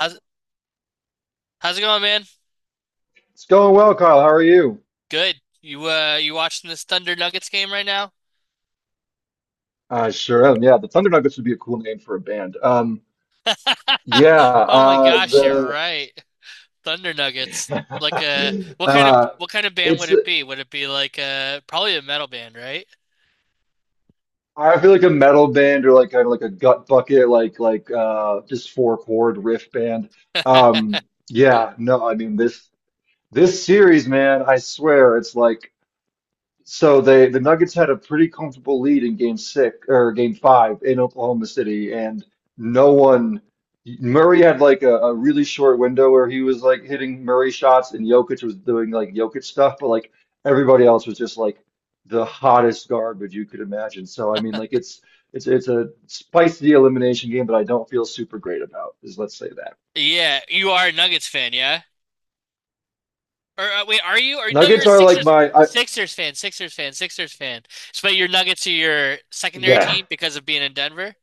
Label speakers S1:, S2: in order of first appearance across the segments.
S1: How's how's it going, man?
S2: It's going well, Kyle. How are you?
S1: Good. You you watching this Thunder Nuggets game right now?
S2: I sure am. Yeah, the Thunder Nuggets would be a cool name for a band. Yeah,
S1: Oh my gosh, you're
S2: the
S1: right. Thunder Nuggets. Like uh,
S2: uh,
S1: what kind of band would
S2: it's
S1: it be? Would it be like probably a metal band, right?
S2: I feel like a metal band or like kind of like a gut bucket, like just four chord riff band. Yeah, no, I mean this series, man. I swear, it's like. So the Nuggets had a pretty comfortable lead in game six or game five in Oklahoma City, and no one Murray had like a really short window where he was like hitting Murray shots and Jokic was doing like Jokic stuff, but like everybody else was just like the hottest garbage you could imagine. So I mean like it's a spicy elimination game, but I don't feel super great about is let's say that.
S1: Yeah, you are a Nuggets fan, yeah? Or wait, are you? Or no, you're
S2: Nuggets
S1: a
S2: are like
S1: Sixers
S2: my I
S1: Sixers fan, Sixers fan, Sixers fan. So, but your Nuggets are your secondary
S2: yeah.
S1: team because of being in Denver?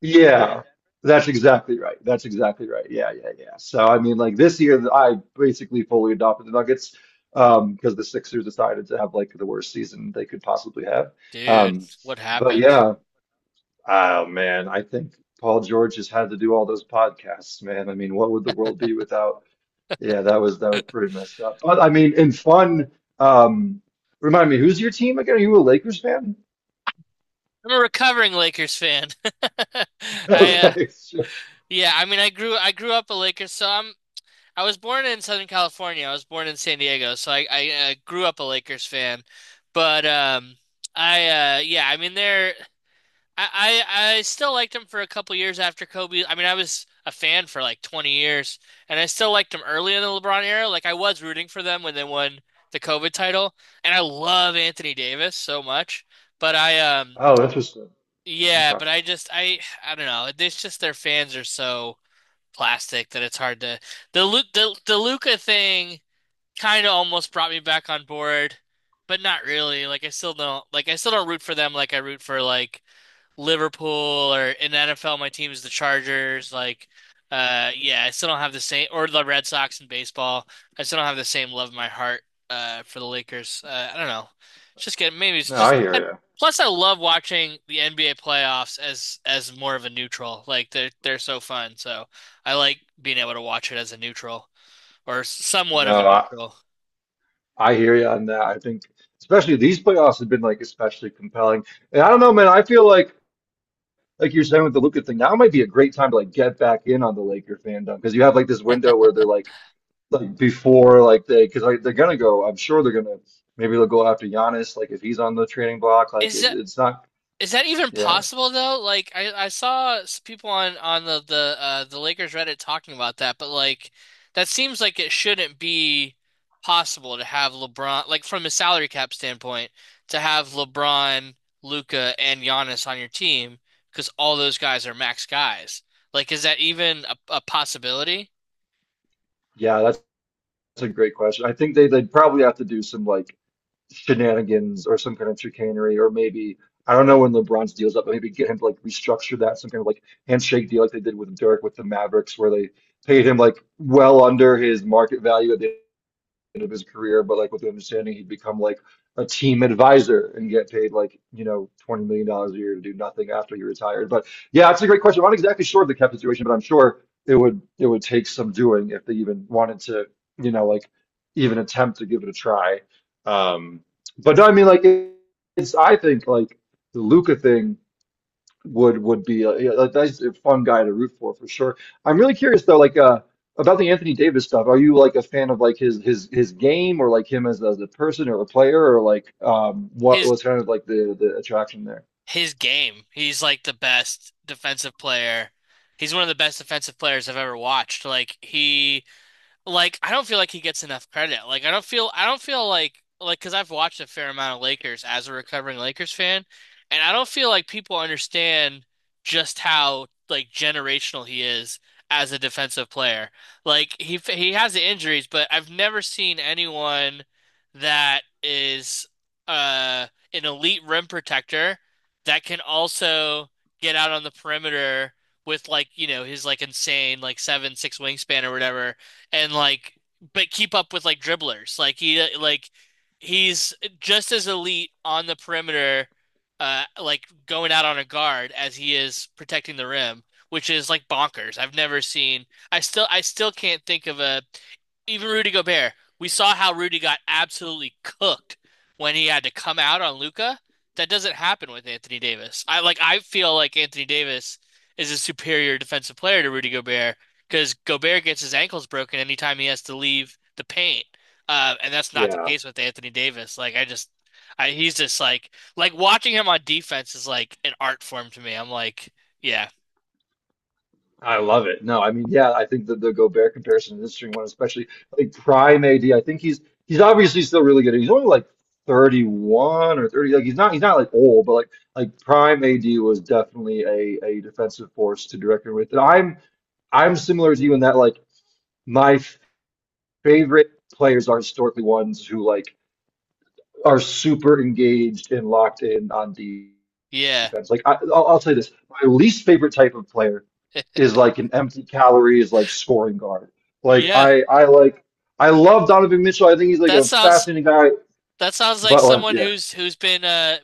S2: Yeah, that's exactly right. That's exactly right. Yeah, yeah, yeah. So I mean, like this year, I basically fully adopted the Nuggets because the Sixers decided to have like the worst season they could possibly have.
S1: Dude,
S2: Um,
S1: what
S2: but
S1: happened?
S2: yeah, oh man, I think Paul George has had to do all those podcasts, man. I mean, what would the world be without? Yeah, that was pretty messed up. But I mean, in fun, um, remind me, who's your team again? Are you a Lakers fan?
S1: I'm a recovering Lakers fan. I
S2: Okay, sure.
S1: Yeah, I mean, I grew up a Lakers, so I was born in Southern California. I was born in San Diego, so I grew up a Lakers fan. But I yeah, I mean, they're I still liked them for a couple years after Kobe. I mean, I was a fan for like 20 years, and I still liked them early in the LeBron era. Like I was rooting for them when they won the COVID title, and I love Anthony Davis so much. But I
S2: Oh, interesting. Okay.
S1: yeah, but I just I don't know. It's just their fans are so plastic that it's hard to the the Luca thing kind of almost brought me back on board, but not really. Like I still don't root for them like I root for like Liverpool, or in the NFL, my team is the Chargers. Like, yeah, I still don't have the same, or the Red Sox in baseball. I still don't have the same love in my heart, for the Lakers. I don't know. It's just getting, maybe it's
S2: No,
S1: just,
S2: I hear
S1: and
S2: you.
S1: plus I love watching the NBA playoffs as, more of a neutral. Like they're so fun. So I like being able to watch it as a neutral or somewhat of a
S2: No, I,
S1: neutral.
S2: I hear you on that. I think especially these playoffs have been like especially compelling. And I don't know, man, I feel like you're saying with the Luka thing, now might be a great time to like get back in on the Laker fandom because you have like this window where they're like before like they because like they're gonna go. I'm sure they're gonna maybe they'll go after Giannis like if he's on the trading block. Like
S1: Is,
S2: it,
S1: uh,
S2: it's not.
S1: Is that even
S2: Yeah,
S1: possible though? Like I saw people on the Lakers Reddit talking about that, but like that seems like it shouldn't be possible to have LeBron, like from a salary cap standpoint, to have LeBron, Luca, and Giannis on your team because all those guys are max guys. Like is that even a possibility?
S2: yeah, that's a great question. I think they'd probably have to do some like shenanigans or some kind of chicanery, or maybe I don't know when LeBron's deal's up, but maybe get him to like restructure that some kind of like handshake deal like they did with Dirk with the Mavericks, where they paid him like well under his market value at the end of his career, but like with the understanding he'd become like a team advisor and get paid like, $20 million dollars a year to do nothing after he retired. But yeah, that's a great question. I'm not exactly sure of the cap situation, but I'm sure it would take some doing if they even wanted to, you know, like even attempt to give it a try. Um, but no, I mean like it's I think like the Luca thing would be a, yeah, like that's a fun guy to root for sure. I'm really curious though, about the Anthony Davis stuff. Are you like a fan of like his game or like him as a person or a player or like what
S1: His
S2: was kind of like the attraction there?
S1: his game, he's like the best defensive player. He's one of the best defensive players I've ever watched. Like he. Like I don't feel like he gets enough credit. Like I don't feel like because I've watched a fair amount of Lakers as a recovering Lakers fan, and I don't feel like people understand just how like generational he is as a defensive player. Like he has the injuries, but I've never seen anyone that is uh an elite rim protector that can also get out on the perimeter with, like, you know, his like insane like seven, six wingspan or whatever, and like, but keep up with like dribblers. He's just as elite on the perimeter, like going out on a guard as he is protecting the rim, which is like bonkers. I've never seen. I still can't think of a, even Rudy Gobert, we saw how Rudy got absolutely cooked when he had to come out on Luca. That doesn't happen with Anthony Davis. I feel like Anthony Davis is a superior defensive player to Rudy Gobert because Gobert gets his ankles broken anytime he has to leave the paint. And that's not the
S2: Yeah,
S1: case with Anthony Davis. He's just like watching him on defense is like an art form to me. I'm like, yeah,
S2: I love it. No, I mean yeah, I think the Gobert comparison is an interesting one, especially like prime AD. I think he's obviously still really good. He's only like 31 or 30. Like he's not like old, but like prime AD was definitely a defensive force to direct him with. And I'm similar to you in that like my favorite players are historically ones who like are super engaged and locked in on
S1: yeah,
S2: defense. Like I'll say this, my least favorite type of player is like an empty calorie is like scoring guard. Like
S1: yeah.
S2: I love Donovan Mitchell. I think he's like
S1: That
S2: a
S1: sounds
S2: fascinating guy,
S1: That sounds like
S2: but like
S1: someone
S2: yeah.
S1: who's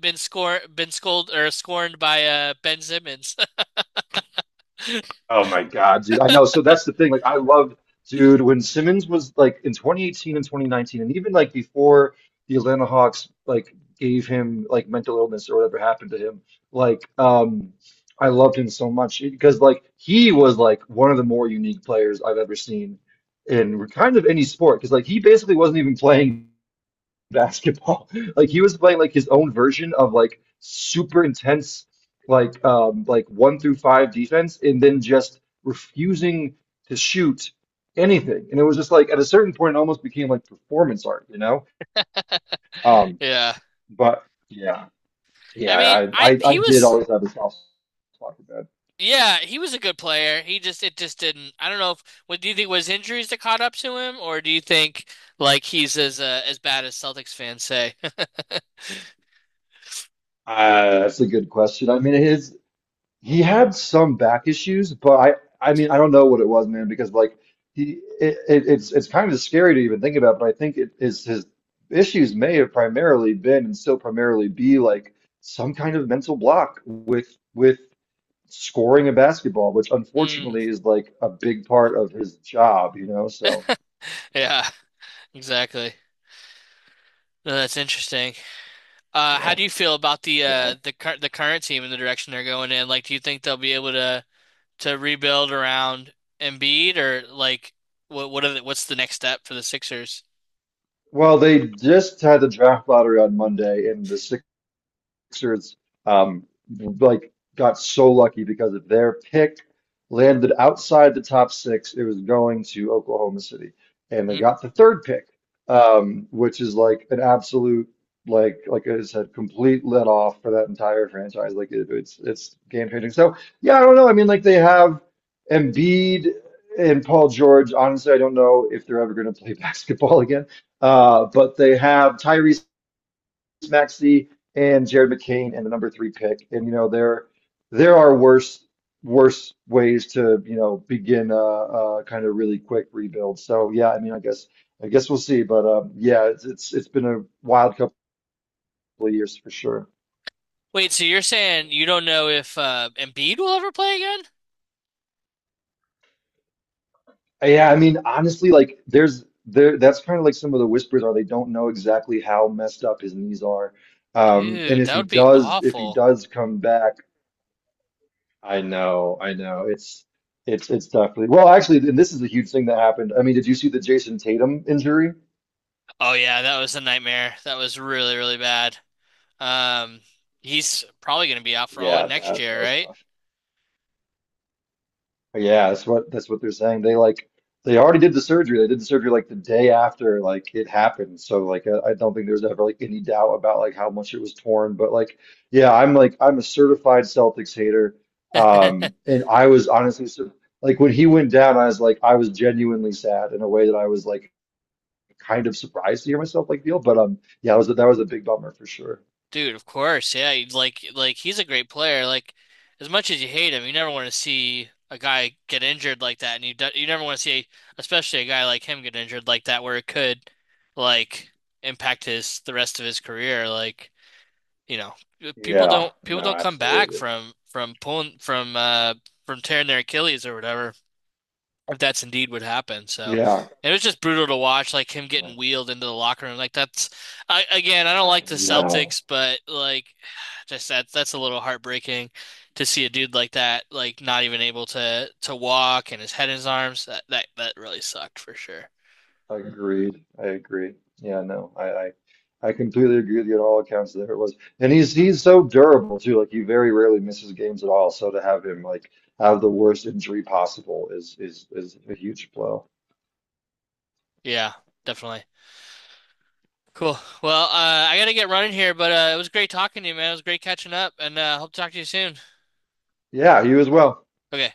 S1: been scolded or scorned by Ben Simmons.
S2: Oh my God, dude. I know. So that's the thing. Like, I loved, dude, when Simmons was like in 2018 and 2019, and even like before the Atlanta Hawks like gave him like mental illness or whatever happened to him, like, I loved him so much because like he was like one of the more unique players I've ever seen in kind of any sport because like he basically wasn't even playing basketball. Like he was playing like his own version of like super intense like one through five defense and then just refusing to shoot anything. And it was just like at a certain point it almost became like performance art, you know? Um
S1: Yeah.
S2: but Yeah.
S1: I
S2: Yeah,
S1: mean,
S2: I
S1: I
S2: I I
S1: he
S2: I did
S1: was
S2: always have a soft spot for that.
S1: Yeah, he was a good player. He just it just didn't. I don't know if, what do you think was injuries that caught up to him, or do you think like he's as bad as Celtics fans say?
S2: That's a good question. I mean, his he had some back issues, but I mean I don't know what it was, man, because like he it, it's kind of scary to even think about, but I think it is his issues may have primarily been and still primarily be like some kind of mental block with scoring a basketball, which
S1: Hmm.
S2: unfortunately is like a big part of his job, you know? So,
S1: Yeah, exactly. No, that's interesting. How
S2: yeah.
S1: do you feel about
S2: Yeah.
S1: the cur the current team and the direction they're going in? Like, do you think they'll be able to? To rebuild around Embiid, or like what are the, what's the next step for the Sixers?
S2: Well, they just had the draft lottery on Monday, and the Sixers um, like got so lucky because of their pick landed outside the top six. It was going to Oklahoma City, and they
S1: Mm.
S2: got the third pick, which is like an absolute like I said, complete let off for that entire franchise. Like it, it's game changing. So yeah, I don't know. I mean, like they have Embiid and Paul George. Honestly, I don't know if they're ever going to play basketball again. But they have Tyrese Maxey and Jared McCain and the number three pick. And you know there there are worse ways to you know begin a kind of really quick rebuild. So yeah, I mean I guess we'll see. But yeah, it's been a wild couple of years for sure.
S1: Wait, so you're saying you don't know if Embiid will ever play again?
S2: Yeah, I mean honestly, like there's there that's kind of like some of the whispers are they don't know exactly how messed up his knees are. And
S1: Dude, that would be
S2: if he
S1: awful.
S2: does come back. I know, I know. It's definitely well, actually, and this is a huge thing that happened. I mean, did you see the Jason Tatum injury?
S1: Oh yeah, that was a nightmare. That was really, really bad. Um, he's probably going to be out for all of
S2: Yeah,
S1: next
S2: that that
S1: year,
S2: was tough. Yeah, that's what they're saying. They like they already did the surgery. They did the surgery like the day after like it happened. So like I don't think there's ever like any doubt about like how much it was torn. But like yeah, I'm like I'm a certified Celtics hater.
S1: right?
S2: And I was honestly sur- like when he went down, I was like I was genuinely sad in a way that I was like kind of surprised to hear myself like Neil, but yeah, that was a big bummer for sure.
S1: Dude, of course, yeah. You'd Like he's a great player. Like as much as you hate him, you never want to see a guy get injured like that, and you never want to see, especially a guy like him get injured like that, where it could like impact his the rest of his career. Like, you know,
S2: Yeah,
S1: people
S2: no,
S1: don't come back
S2: absolutely.
S1: from pulling from tearing their Achilles or whatever, if that's indeed what happened. So
S2: Yeah,
S1: it was just brutal to watch, like him getting wheeled into the locker room. Like again, I don't
S2: I
S1: like the
S2: know.
S1: Celtics, but like just that's a little heartbreaking to see a dude like that, like not even able to walk and his head in his arms. That really sucked for sure.
S2: Agreed. I agree. Yeah, no, I completely agree with you on all accounts. There it was, and he's so durable too. Like he very rarely misses games at all. So to have him like have the worst injury possible is is a huge blow.
S1: Yeah, definitely. Cool. Well, I gotta get running here, but it was great talking to you, man. It was great catching up, and hope to talk to you soon.
S2: Yeah, you as well.
S1: Okay.